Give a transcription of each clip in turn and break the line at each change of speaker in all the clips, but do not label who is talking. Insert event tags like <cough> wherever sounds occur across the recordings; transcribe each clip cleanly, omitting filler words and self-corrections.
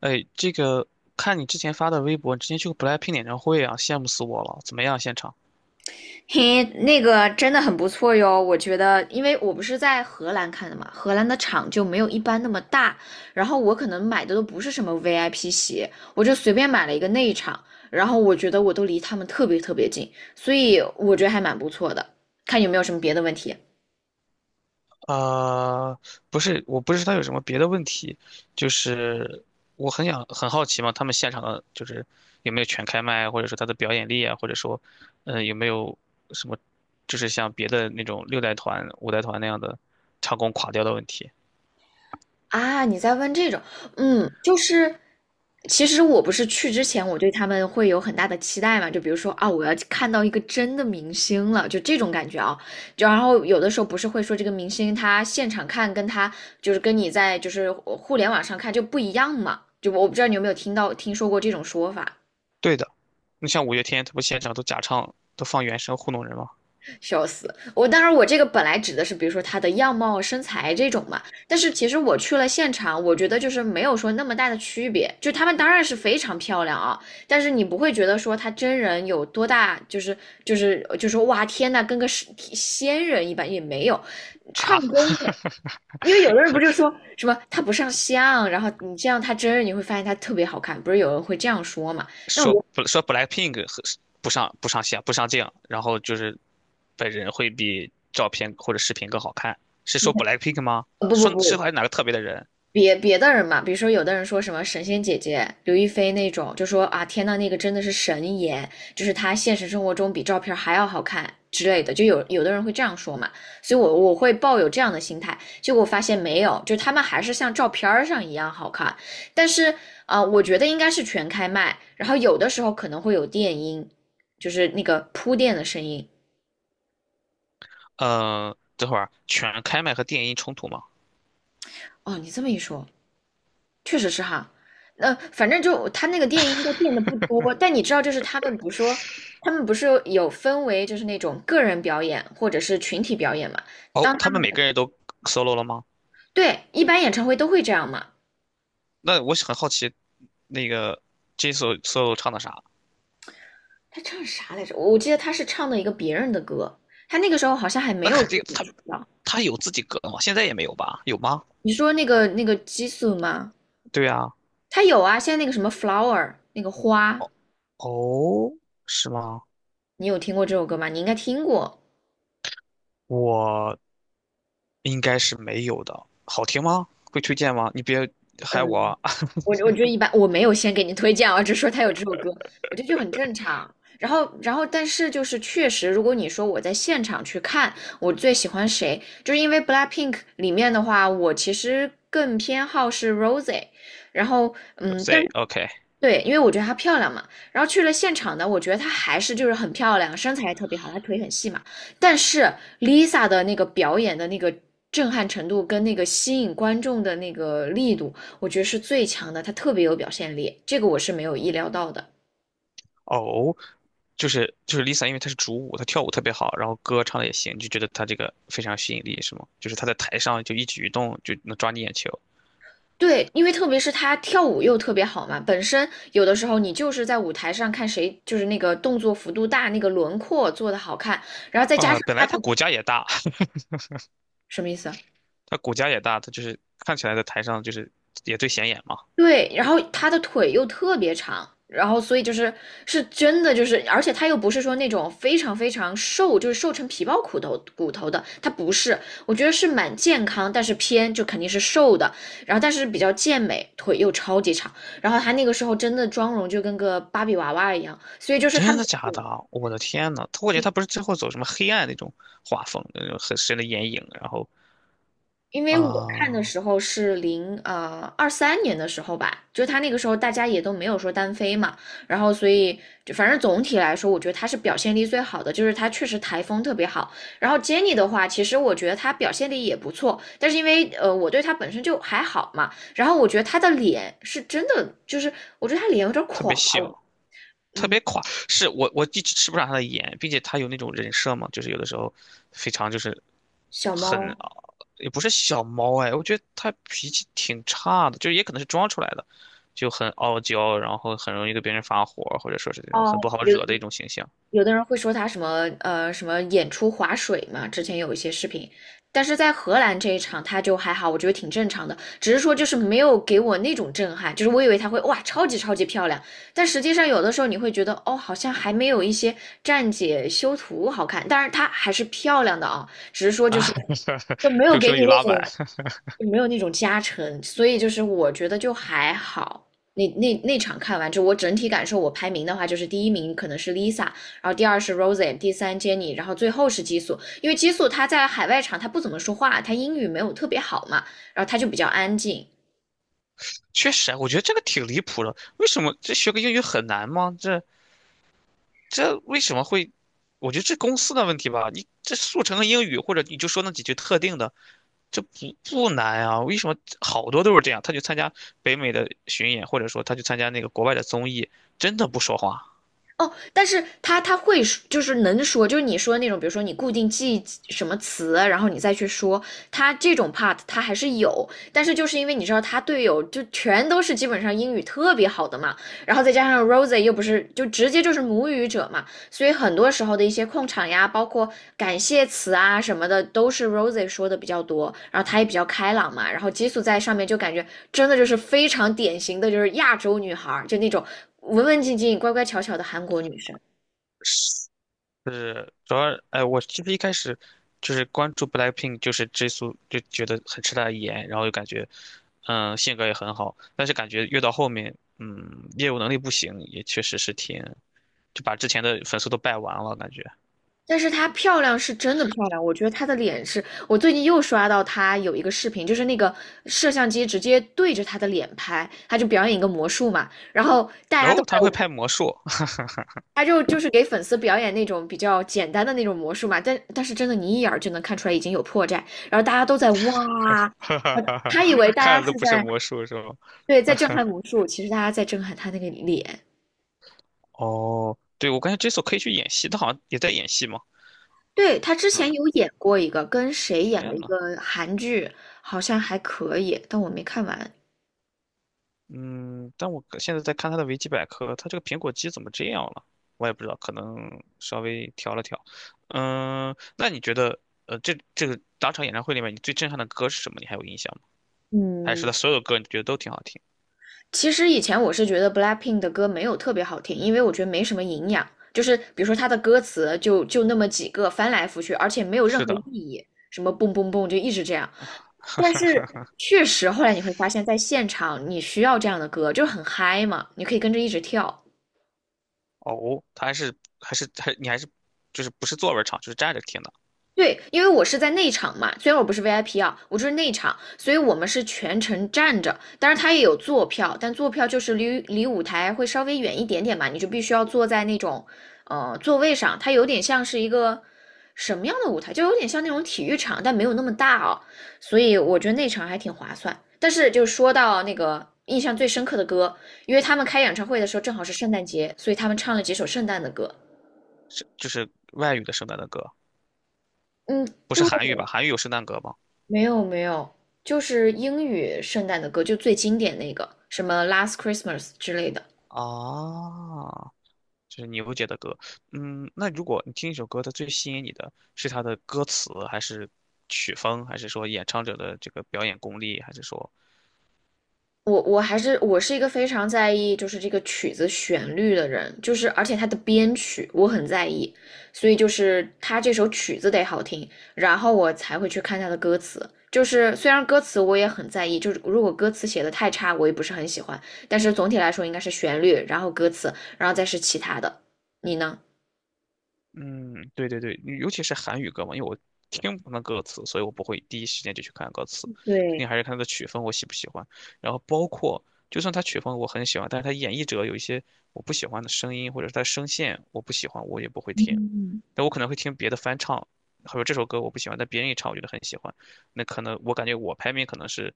哎，这个看你之前发的微博，你之前去过 BLACKPINK 演唱会啊，羡慕死我了！怎么样，现场？
嘿，那个真的很不错哟，我觉得，因为我不是在荷兰看的嘛，荷兰的场就没有一般那么大，然后我可能买的都不是什么 VIP 席，我就随便买了一个内场，然后我觉得我都离他们特别特别近，所以我觉得还蛮不错的。看有没有什么别的问题。
呃，不是，我不是有什么别的问题，就是我很想很好奇嘛，他们现场的就是有没有全开麦，或者说他的表演力啊，或者说，有没有什么，就是像别的那种六代团、五代团那样的唱功垮掉的问题？
啊，你在问这种，嗯，就是，其实我不是去之前，我对他们会有很大的期待嘛，就比如说啊，我要看到一个真的明星了，就这种感觉啊。就然后有的时候不是会说这个明星他现场看跟他就是跟你在就是互联网上看就不一样嘛，就我不知道你有没有听到听说过这种说法。
对的，你像五月天，他不现场都假唱，都放原声糊弄人吗？
笑死！我当然，我这个本来指的是，比如说她的样貌、身材这种嘛。但是其实我去了现场，我觉得就是没有说那么大的区别。就她们当然是非常漂亮啊，但是你不会觉得说她真人有多大，就是就说哇天呐，跟个是仙人一般也没有。唱
啊，
功的，因为有的
<laughs>
人不就说什么她不上相，然后你这样她真人你会发现她特别好看，不是有人会这样说嘛？那我
说
觉得
不说 BLACKPINK 和不上线不上镜，然后就是本人会比照片或者视频更好看，是说 BLACKPINK 吗？
呃不不
说是还
不，
是哪个特别的人？
别的人嘛，比如说有的人说什么神仙姐姐刘亦菲那种，就说啊天呐，那个真的是神颜，就是她现实生活中比照片还要好看之类的，就有的人会这样说嘛，所以我会抱有这样的心态，结果发现没有，就他们还是像照片上一样好看，但是我觉得应该是全开麦，然后有的时候可能会有电音，就是那个铺垫的声音。
嗯，等会儿全开麦和电音冲突吗？
哦，你这么一说，确实是哈，反正就他那个电音应该变得不多，但你知道，就是他们不说，他们不是有分为就是那种个人表演或者是群体表演嘛？当
哦，
他
他
们
们每个人都 solo 了吗？
对一般演唱会都会这样嘛？
那我很好奇，那个 Jisoo solo 唱的啥？
他唱啥来着？我记得他是唱的一个别人的歌，他那个时候好像还没
那
有
肯
自
定
己
他
出道。
有自己歌吗？现在也没有吧？有吗？
你说那个激素吗？
对啊，
他有啊，现在那个什么 flower 那个花，
哦，是吗？
你有听过这首歌吗？你应该听过。
我应该是没有的。好听吗？会推荐吗？你别害我
嗯，
啊
我觉得一般，我没有先给你推荐啊，只是说他有这首歌，我觉得就很正常。然后,但是就是确实，如果你说我在现场去看，我最喜欢谁，就是因为 BLACKPINK 里面的话，我其实更偏好是 r o s e 然后，嗯，但
z
是
o o k
对，因为我觉得她漂亮嘛，然后去了现场呢，我觉得她还是就是很漂亮，身材也特别好，她腿很细嘛。但是 Lisa 的那个表演的那个震撼程度跟那个吸引观众的那个力度，我觉得是最强的，她特别有表现力，这个我是没有意料到的。
哦，就是 Lisa，因为她是主舞，她跳舞特别好，然后歌唱的也行，你就觉得她这个非常有吸引力，是吗？就是她在台上就一举一动就能抓你眼球
对，因为特别是她跳舞又特别好嘛，本身有的时候你就是在舞台上看谁就是那个动作幅度大，那个轮廓做的好看，然后再加上
啊、本
她
来她
的
骨架也大，
什么意思啊？
她骨架也大，她就是看起来在台上就是也最显眼嘛。
对，然后她的腿又特别长，然后所以就是是真的就是，而且她又不是说那种非常非常瘦，就是瘦成皮包骨头的，她不是，我觉得是蛮健康，但是偏就肯定是瘦的，然后但是比较健美，腿又超级长，然后她那个时候真的妆容就跟个芭比娃娃一样，所以就是他。
真的假的啊？我的天呐，她我觉得她不是最后走什么黑暗那种画风，那种很深的眼影，然后
因为我看的
啊、
时候是二三年的时候吧，就他那个时候大家也都没有说单飞嘛，然后所以就反正总体来说，我觉得他是表现力最好的，就是他确实台风特别好。然后 Jenny 的话，其实我觉得他表现力也不错，但是因为我对他本身就还好嘛，然后我觉得他的脸是真的，就是我觉得他脸有点
特
垮
别小，
了
特
嗯，
别垮，是我一直吃不上他的颜，并且他有那种人设嘛，就是有的时候非常就是
小
很
猫
啊也不是小猫哎，我觉得他脾气挺差的，就是也可能是装出来的，就很傲娇，然后很容易跟别人发火，或者说是那种
哦，
很不好
有。
惹的一种形象
有的人会说他什么什么演出划水嘛，之前有一些视频，但是在荷兰这一场他就还好，我觉得挺正常的，只是说就是没有给我那种震撼，就是我以为他会哇超级超级漂亮，但实际上有的时候你会觉得哦好像还没有一些站姐修图好看，但是她还是漂亮的啊，只是说就
啊，
是
<laughs>
就没有
就
给
说
你
语
那
拉满，
种没有那种加成，所以就是我觉得就还好。那场看完之后，我整体感受，我排名的话就是第一名可能是 Lisa，然后第二是 Rosie，第三 Jenny，然后最后是激素。因为激素他在海外场他不怎么说话，他英语没有特别好嘛，然后他就比较安静。
确实啊我觉得这个挺离谱的，为什么这学个英语很难吗？这为什么会？我觉得这公司的问题吧，你这速成个英语，或者你就说那几句特定的。这不难啊，为什么好多都是这样？他去参加北美的巡演，或者说他去参加那个国外的综艺，真的不说话。
哦，但是他会说就是能说，就是你说的那种，比如说你固定记什么词，然后你再去说，他这种 part 他还是有，但是就是因为你知道他队友就全都是基本上英语特别好的嘛，然后再加上 Rosie 又不是就直接就是母语者嘛，所以很多时候的一些控场呀，包括感谢词啊什么的，都是 Rosie 说的比较多，然后她也比较开朗嘛，然后激素在上面就感觉真的就是非常典型的就是亚洲女孩就那种文文静静、乖乖巧巧的韩国女生。
是，主要，哎，我其实一开始就是关注 BLACKPINK，就是 Jisoo，就觉得很吃他的颜，然后就感觉，嗯，性格也很好，但是感觉越到后面，嗯，业务能力不行，也确实是挺，就把之前的粉丝都败完了感觉。
但是她漂亮是真的漂亮，我觉得她的脸是我最近又刷到她有一个视频，就是那个摄像机直接对着她的脸拍，她就表演一个魔术嘛，然后大
然
家都
后他会
在
拍魔术，<laughs>
他就是给粉丝表演那种比较简单的那种魔术嘛，但是真的你一眼儿就能看出来已经有破绽，然后大家都在哇，
哈哈
呃
哈哈，
他以为大
看
家
的都
是
不是
在
魔术是吗？
对在震撼魔术，其实大家在震撼他那个脸。
哦，对，我感觉 Jiso 可以去演戏，他好像也在演戏嘛。
对，他之
嗯，
前有演过一个，跟谁演了
天
一
呐，
个韩剧，好像还可以，但我没看完。
嗯，但我可现在在看他的维基百科，他这个苹果肌怎么这样了？我也不知道，可能稍微调了调。嗯，那你觉得，这个当场演唱会里面，你最震撼的歌是什么？你还有印象吗？还是
嗯，
他所有歌你觉得都挺好听？
其实以前我是觉得 BLACKPINK 的歌没有特别好听，因为我觉得没什么营养，就是比如说它的歌词就那么几个翻来覆去，而且没有任
是
何意
的，
义，什么蹦蹦蹦就一直这样。但是
<laughs>
确实后来你会发现在现场你需要这样的歌，就是很嗨嘛，你可以跟着一直跳。
哦，他还是还是还你还是就是不是坐着唱，就是站着听的，
对，因为我是在内场嘛，虽然我不是 VIP 啊，我就是内场，所以我们是全程站着。当然，它也有坐票，但坐票就是离舞台会稍微远一点点嘛，你就必须要坐在那种座位上。它有点像是一个什么样的舞台，就有点像那种体育场，但没有那么大哦。所以我觉得内场还挺划算。但是就说到那个印象最深刻的歌，因为他们开演唱会的时候正好是圣诞节，所以他们唱了几首圣诞的歌。
是就是外语的圣诞的歌，
嗯，
不是
对，
韩语吧？韩语有圣诞歌吗？
没有，就是英语圣诞的歌，就最经典那个，什么《Last Christmas》之类的。
啊，就是你不觉得歌，嗯，那如果你听一首歌，它最吸引你的是它的歌词，还是曲风，还是说演唱者的这个表演功力，还是说，
我是一个非常在意就是这个曲子旋律的人，就是而且它的编曲我很在意，所以就是它这首曲子得好听，然后我才会去看它的歌词。就是虽然歌词我也很在意，就是如果歌词写的太差，我也不是很喜欢，但是总体来说应该是旋律，然后歌词，然后再是其他的。你呢？
嗯，对对对，尤其是韩语歌嘛，因为我听不懂歌词，所以我不会第一时间就去看歌词，肯
对，
定还是看它的曲风我喜不喜欢，然后包括就算它曲风我很喜欢，但是它演绎者有一些我不喜欢的声音，或者是它声线我不喜欢，我也不会听。
嗯。
但我可能会听别的翻唱，或者这首歌我不喜欢，但别人一唱我觉得很喜欢，那可能我感觉我排名可能是，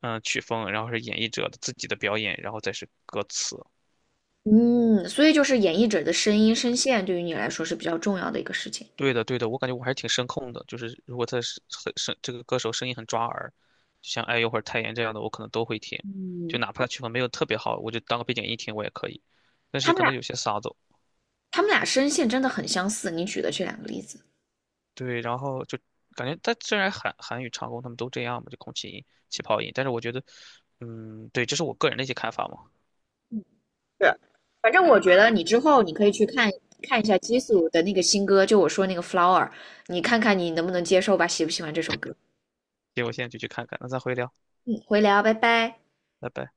嗯，曲风，然后是演绎者的自己的表演，然后再是歌词。
嗯，所以就是演绎者的声音、声线对于你来说是比较重要的一个事情。
对的，对的，我感觉我还是挺声控的，就是如果他是很声，这个歌手声音很抓耳，就像哎呦或者泰妍这样的，我可能都会听，就哪怕他曲风没有特别好，我就当个背景音听我也可以。但
他
是
们
可能
俩，
有些嗓子
他们俩声线真的很相似，你举的这两个例子。
对，然后就感觉它虽然韩语唱功他们都这样嘛，就空气音、气泡音，但是我觉得，嗯，对，这是我个人的一些看法嘛。
是，反正我觉得你之后你可以看一下激素的那个新歌，就我说那个《Flower》，你看看你能不能接受吧，喜不喜欢这首歌？
行，我现在就去看看，那咱回聊，
嗯，回聊，拜拜。
拜拜。